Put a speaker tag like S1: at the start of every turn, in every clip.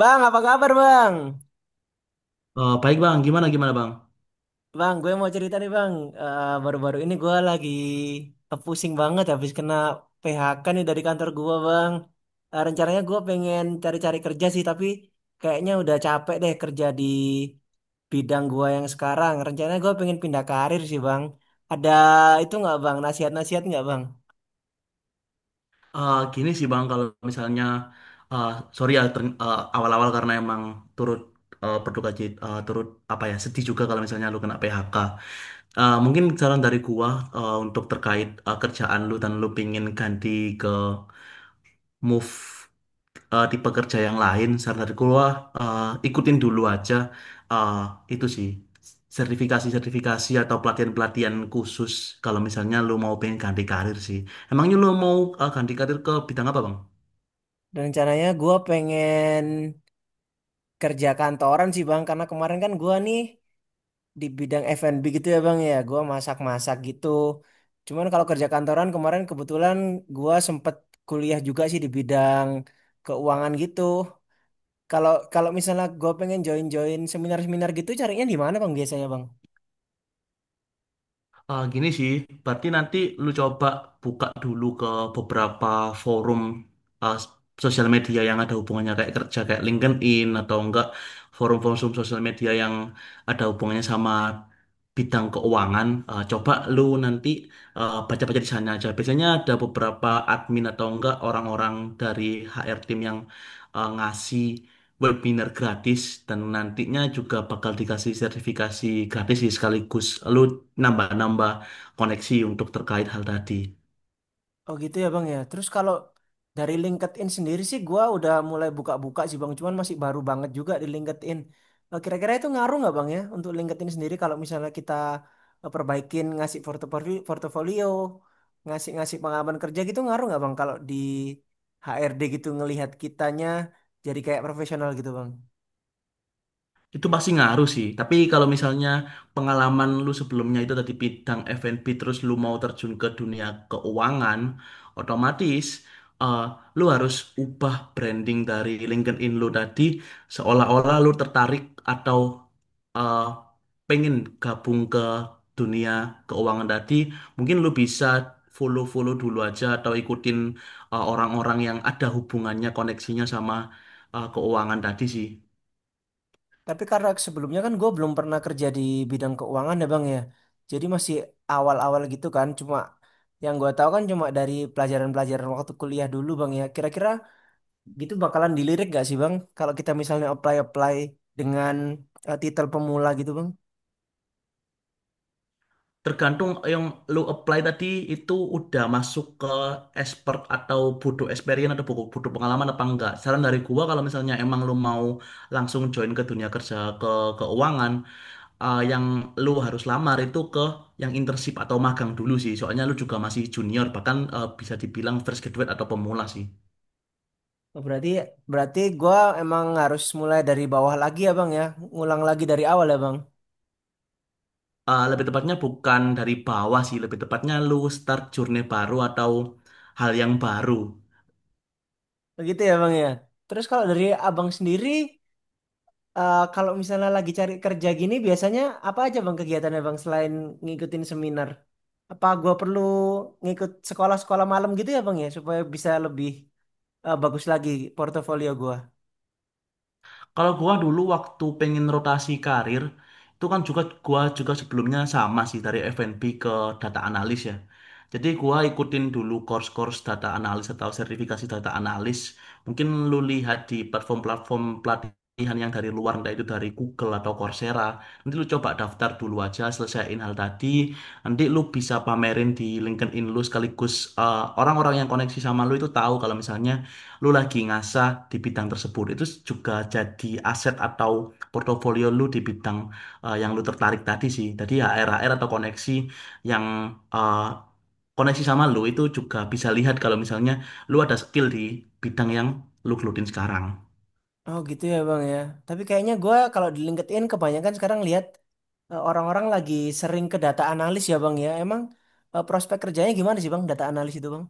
S1: Bang, apa kabar bang?
S2: Baik bang, gimana gimana bang?
S1: Bang, gue mau cerita nih bang. Baru-baru ini gue lagi pusing banget habis kena PHK nih dari kantor gue bang. Rencananya gue pengen cari-cari kerja sih, tapi kayaknya udah capek deh kerja di bidang gue yang sekarang. Rencananya gue pengen pindah karir sih bang. Ada itu nggak bang? Nasihat-nasihat nggak bang?
S2: Gini sih bang, kalau misalnya, eh, sorry ya awal-awal karena emang turut berduka cita, turut apa ya sedih juga kalau misalnya lu kena PHK. Mungkin saran dari gua untuk terkait kerjaan lu dan lu pingin ganti ke move tipe kerja yang lain, saran dari gua eh, ikutin dulu aja, eh, itu sih sertifikasi-sertifikasi atau pelatihan-pelatihan khusus kalau misalnya lu mau pengen ganti karir sih. Emangnya lu mau ganti karir ke bidang apa bang?
S1: Dan rencananya gue pengen kerja kantoran sih bang, karena kemarin kan gue nih di bidang F&B gitu ya Bang ya. Gua masak-masak gitu. Cuman kalau kerja kantoran kemarin kebetulan gua sempet kuliah juga sih di bidang keuangan gitu. Kalau kalau misalnya gua pengen join-join seminar-seminar gitu carinya di mana Bang biasanya Bang?
S2: Gini sih, berarti nanti lu coba buka dulu ke beberapa forum, eh, sosial media yang ada hubungannya kayak kerja kayak LinkedIn atau enggak forum-forum sosial media yang ada hubungannya sama bidang keuangan, coba lu nanti baca-baca di sana aja. Biasanya ada beberapa admin atau enggak orang-orang dari HR team yang ngasih webinar gratis dan nantinya juga bakal dikasih sertifikasi gratis sih, sekaligus lu nambah-nambah koneksi untuk terkait hal tadi.
S1: Oh gitu ya Bang ya. Terus kalau dari LinkedIn sendiri sih gua udah mulai buka-buka sih Bang, cuman masih baru banget juga di LinkedIn. Kira-kira itu ngaruh nggak Bang ya untuk LinkedIn sendiri kalau misalnya kita perbaikin ngasih portofolio, portofolio, ngasih-ngasih pengalaman kerja gitu ngaruh nggak Bang kalau di HRD gitu ngelihat kitanya jadi kayak profesional gitu Bang?
S2: Itu pasti ngaruh sih. Tapi kalau misalnya pengalaman lu sebelumnya itu tadi bidang F&B terus lu mau terjun ke dunia keuangan, otomatis eh, lu harus ubah branding dari LinkedIn lu tadi seolah-olah lu tertarik atau eh, pengen gabung ke dunia keuangan tadi. Mungkin lu bisa follow-follow dulu aja atau ikutin orang-orang yang ada hubungannya koneksinya sama keuangan tadi sih.
S1: Tapi karena sebelumnya kan gue belum pernah kerja di bidang keuangan ya bang ya. Jadi masih awal-awal gitu kan. Cuma yang gue tahu kan cuma dari pelajaran-pelajaran waktu kuliah dulu bang ya. Kira-kira gitu bakalan dilirik gak sih bang? Kalau kita misalnya apply-apply dengan titel pemula gitu bang.
S2: Tergantung yang lu apply tadi itu udah masuk ke expert atau butuh experience atau butuh pengalaman apa enggak. Saran dari gua kalau misalnya emang lu mau langsung join ke dunia kerja ke keuangan, yang lu harus lamar itu ke yang internship atau magang dulu sih. Soalnya lu juga masih junior, bahkan bisa dibilang fresh graduate atau pemula sih.
S1: Oh, Berarti berarti gue emang harus mulai dari bawah lagi ya bang ya. Ngulang lagi dari awal ya bang.
S2: Lebih tepatnya bukan dari bawah sih, lebih tepatnya lu start journey baru atau hal yang baru.
S1: Begitu ya bang ya. Terus kalau dari abang sendiri. Kalau misalnya lagi cari kerja gini, biasanya apa aja bang kegiatannya bang selain ngikutin seminar? Apa gua perlu ngikut sekolah-sekolah malam gitu ya bang ya supaya bisa lebih bagus lagi portofolio gua?
S2: Kalau gua dulu waktu pengen rotasi karir, itu kan juga gua juga sebelumnya sama sih, dari F&B ke data analis ya. Jadi gua ikutin dulu course-course data analis atau sertifikasi data analis. Mungkin lu lihat di platform-platform pelatihan yang dari luar, entah itu dari Google atau Coursera. Nanti lu coba daftar dulu aja, selesaiin hal tadi. Nanti lu bisa pamerin di LinkedIn lu, sekaligus orang-orang yang koneksi sama lu itu tahu kalau misalnya lu lagi ngasah di bidang tersebut. Itu juga jadi aset atau portofolio lu di bidang yang lu tertarik tadi sih. Tadi hr r atau koneksi yang eh, koneksi sama lu itu juga bisa lihat kalau misalnya lu ada skill di bidang yang lu gelutin sekarang.
S1: Oh gitu ya bang ya. Tapi kayaknya gua kalau di LinkedIn kebanyakan sekarang lihat orang-orang lagi sering ke data analis ya bang ya. Emang prospek kerjanya gimana sih bang data analis itu bang?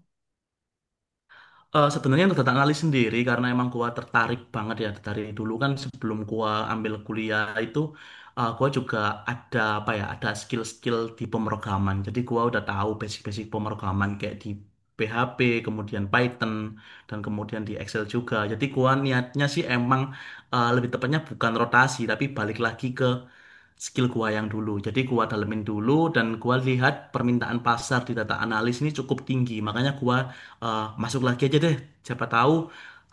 S2: Sebenarnya untuk data analis sendiri, karena emang gua tertarik banget ya dari dulu, kan sebelum gua ambil kuliah itu gua juga ada apa ya ada skill-skill di pemrograman, jadi gua udah tahu basic-basic pemrograman kayak di PHP, kemudian Python, dan kemudian di Excel juga. Jadi gua niatnya sih emang lebih tepatnya bukan rotasi tapi balik lagi ke skill gua yang dulu. Jadi gua dalemin dulu dan gua lihat permintaan pasar di data analis ini cukup tinggi. Makanya gua masuk lagi aja deh. Siapa tahu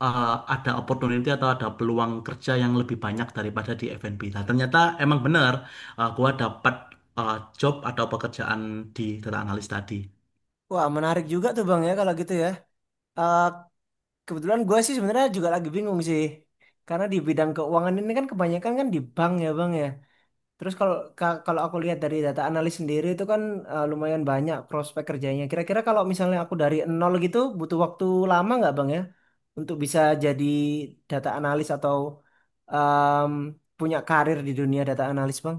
S2: ada opportunity atau ada peluang kerja yang lebih banyak daripada di F&B. Nah, ternyata emang benar, gua dapat job atau pekerjaan di data analis tadi.
S1: Wah menarik juga tuh bang ya kalau gitu ya. Eh, Kebetulan gue sih sebenarnya juga lagi bingung sih. Karena di bidang keuangan ini kan kebanyakan kan di bank ya bang ya. Terus kalau aku lihat dari data analis sendiri itu kan lumayan banyak prospek kerjanya. Kira-kira kalau misalnya aku dari nol gitu butuh waktu lama nggak bang ya untuk bisa jadi data analis atau em, punya karir di dunia data analis bang?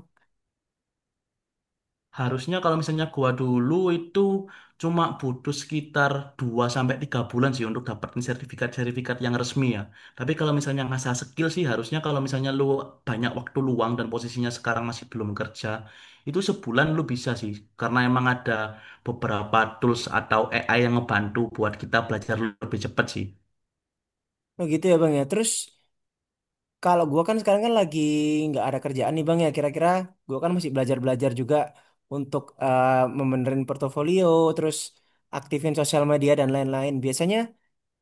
S2: Harusnya kalau misalnya gua dulu itu cuma butuh sekitar 2 sampai 3 bulan sih untuk dapetin sertifikat-sertifikat yang resmi ya. Tapi kalau misalnya ngasah skill sih, harusnya kalau misalnya lu banyak waktu luang dan posisinya sekarang masih belum kerja, itu sebulan lu bisa sih karena emang ada beberapa tools atau AI yang ngebantu buat kita belajar lebih cepat sih.
S1: Oh gitu ya bang ya. Terus kalau gua kan sekarang kan lagi nggak ada kerjaan nih Bang ya. Kira-kira gua kan masih belajar-belajar juga untuk membenerin portofolio, terus aktifin sosial media dan lain-lain. Biasanya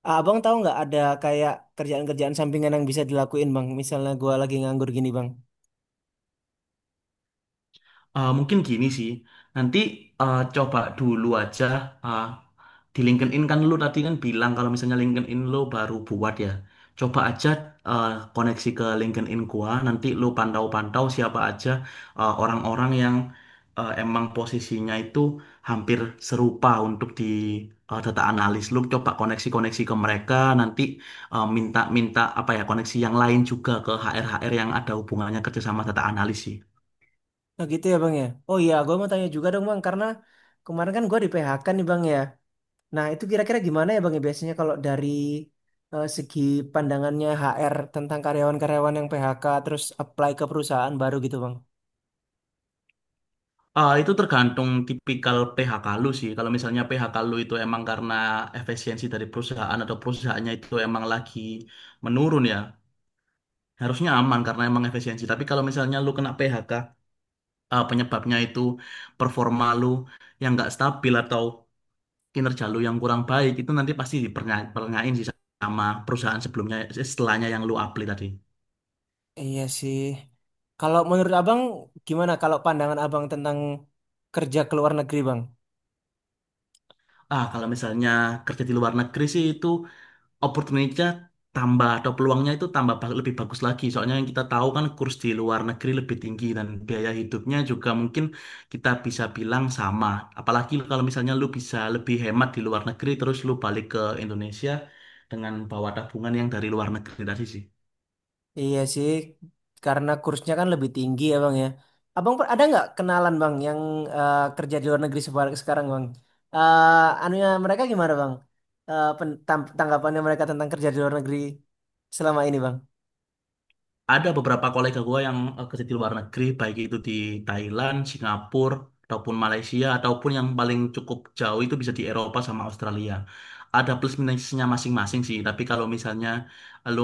S1: Abang tahu nggak ada kayak kerjaan-kerjaan sampingan yang bisa dilakuin Bang? Misalnya gua lagi nganggur gini Bang.
S2: Mungkin gini sih, nanti coba dulu aja, eh, di LinkedIn kan lu tadi kan bilang kalau misalnya LinkedIn lu baru buat ya, coba aja eh, koneksi ke LinkedIn gua, nanti lu pantau-pantau siapa aja orang-orang yang emang posisinya itu hampir serupa untuk di data analis, lu coba koneksi-koneksi ke mereka, nanti minta-minta apa ya koneksi yang lain juga ke HR-HR yang ada hubungannya kerja sama data analis sih.
S1: Nah gitu ya Bang ya. Oh iya, gua mau tanya juga dong Bang karena kemarin kan gua di PHK nih Bang ya. Nah, itu kira-kira gimana ya Bang ya biasanya kalau dari segi pandangannya HR tentang karyawan-karyawan yang PHK terus apply ke perusahaan baru gitu Bang?
S2: Ah, itu tergantung tipikal PHK lu sih. Kalau misalnya PHK lu itu emang karena efisiensi dari perusahaan atau perusahaannya itu emang lagi menurun ya, harusnya aman karena emang efisiensi. Tapi kalau misalnya lu kena PHK, ah, penyebabnya itu performa lu yang nggak stabil atau kinerja lu yang kurang baik, itu nanti pasti dipernyain sih sama perusahaan sebelumnya, setelahnya yang lu apply tadi.
S1: Iya sih. Kalau menurut Abang gimana kalau pandangan Abang tentang kerja ke luar negeri Bang?
S2: Ah, kalau misalnya kerja di luar negeri sih itu opportunity-nya tambah atau peluangnya itu tambah lebih bagus lagi. Soalnya yang kita tahu kan kurs di luar negeri lebih tinggi dan biaya hidupnya juga mungkin kita bisa bilang sama. Apalagi kalau misalnya lu bisa lebih hemat di luar negeri terus lu balik ke Indonesia dengan bawa tabungan yang dari luar negeri tadi sih.
S1: Iya sih, karena kursnya kan lebih tinggi ya Bang ya. Ada nggak kenalan Bang yang kerja di luar negeri sekarang Bang? Eh anunya mereka gimana Bang? Tanggapannya mereka tentang kerja di luar negeri selama ini Bang?
S2: Ada beberapa kolega gue yang kerja di luar negeri, baik itu di Thailand, Singapura, ataupun Malaysia, ataupun yang paling cukup jauh itu bisa di Eropa sama Australia. Ada plus minusnya masing-masing sih, tapi kalau misalnya lu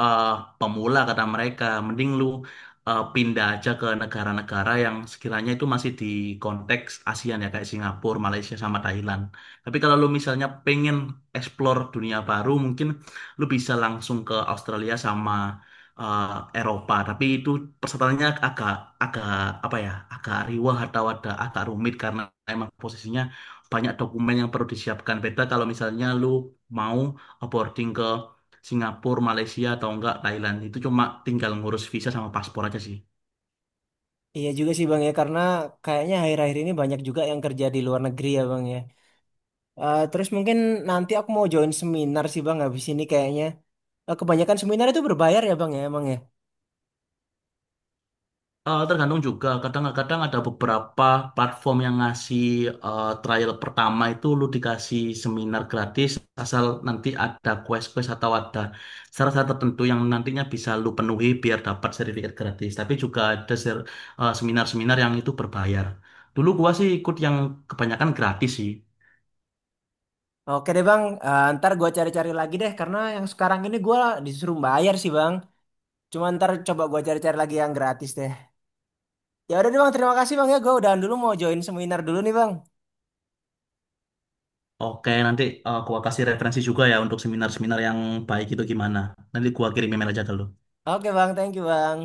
S2: eh, pemula, kata mereka, mending lu pindah aja ke negara-negara yang sekiranya itu masih di konteks ASEAN ya, kayak Singapura, Malaysia, sama Thailand. Tapi kalau lu misalnya pengen explore dunia baru, mungkin lu bisa langsung ke Australia sama eh, Eropa, tapi itu persyaratannya agak agak apa ya, agak riwah atau ada agak rumit karena emang posisinya banyak dokumen yang perlu disiapkan. Beda kalau misalnya lu mau boarding ke Singapura, Malaysia atau enggak Thailand, itu cuma tinggal ngurus visa sama paspor aja sih.
S1: Iya juga sih Bang ya, karena kayaknya akhir-akhir ini banyak juga yang kerja di luar negeri ya Bang ya. Terus mungkin nanti aku mau join seminar sih Bang habis ini kayaknya. Kebanyakan seminar itu berbayar ya Bang ya emang ya.
S2: Tergantung juga, kadang-kadang ada beberapa platform yang ngasih trial pertama itu lu dikasih seminar gratis asal nanti ada quest-quest atau ada syarat-syarat tertentu yang nantinya bisa lu penuhi biar dapat sertifikat gratis. Tapi juga ada seminar-seminar yang itu berbayar. Dulu gua sih ikut yang kebanyakan gratis sih.
S1: Oke deh Bang. Ntar gue cari-cari lagi deh karena yang sekarang ini gue disuruh bayar sih Bang. Cuma ntar coba gue cari-cari lagi yang gratis deh. Ya udah deh Bang, terima kasih Bang ya. Gue udahan dulu mau join seminar dulu nih Bang.
S2: Oke, nanti gua kasih referensi juga ya untuk seminar-seminar yang baik itu gimana. Nanti gua kirim email aja ke lu.
S1: Oke Bang, thank you Bang.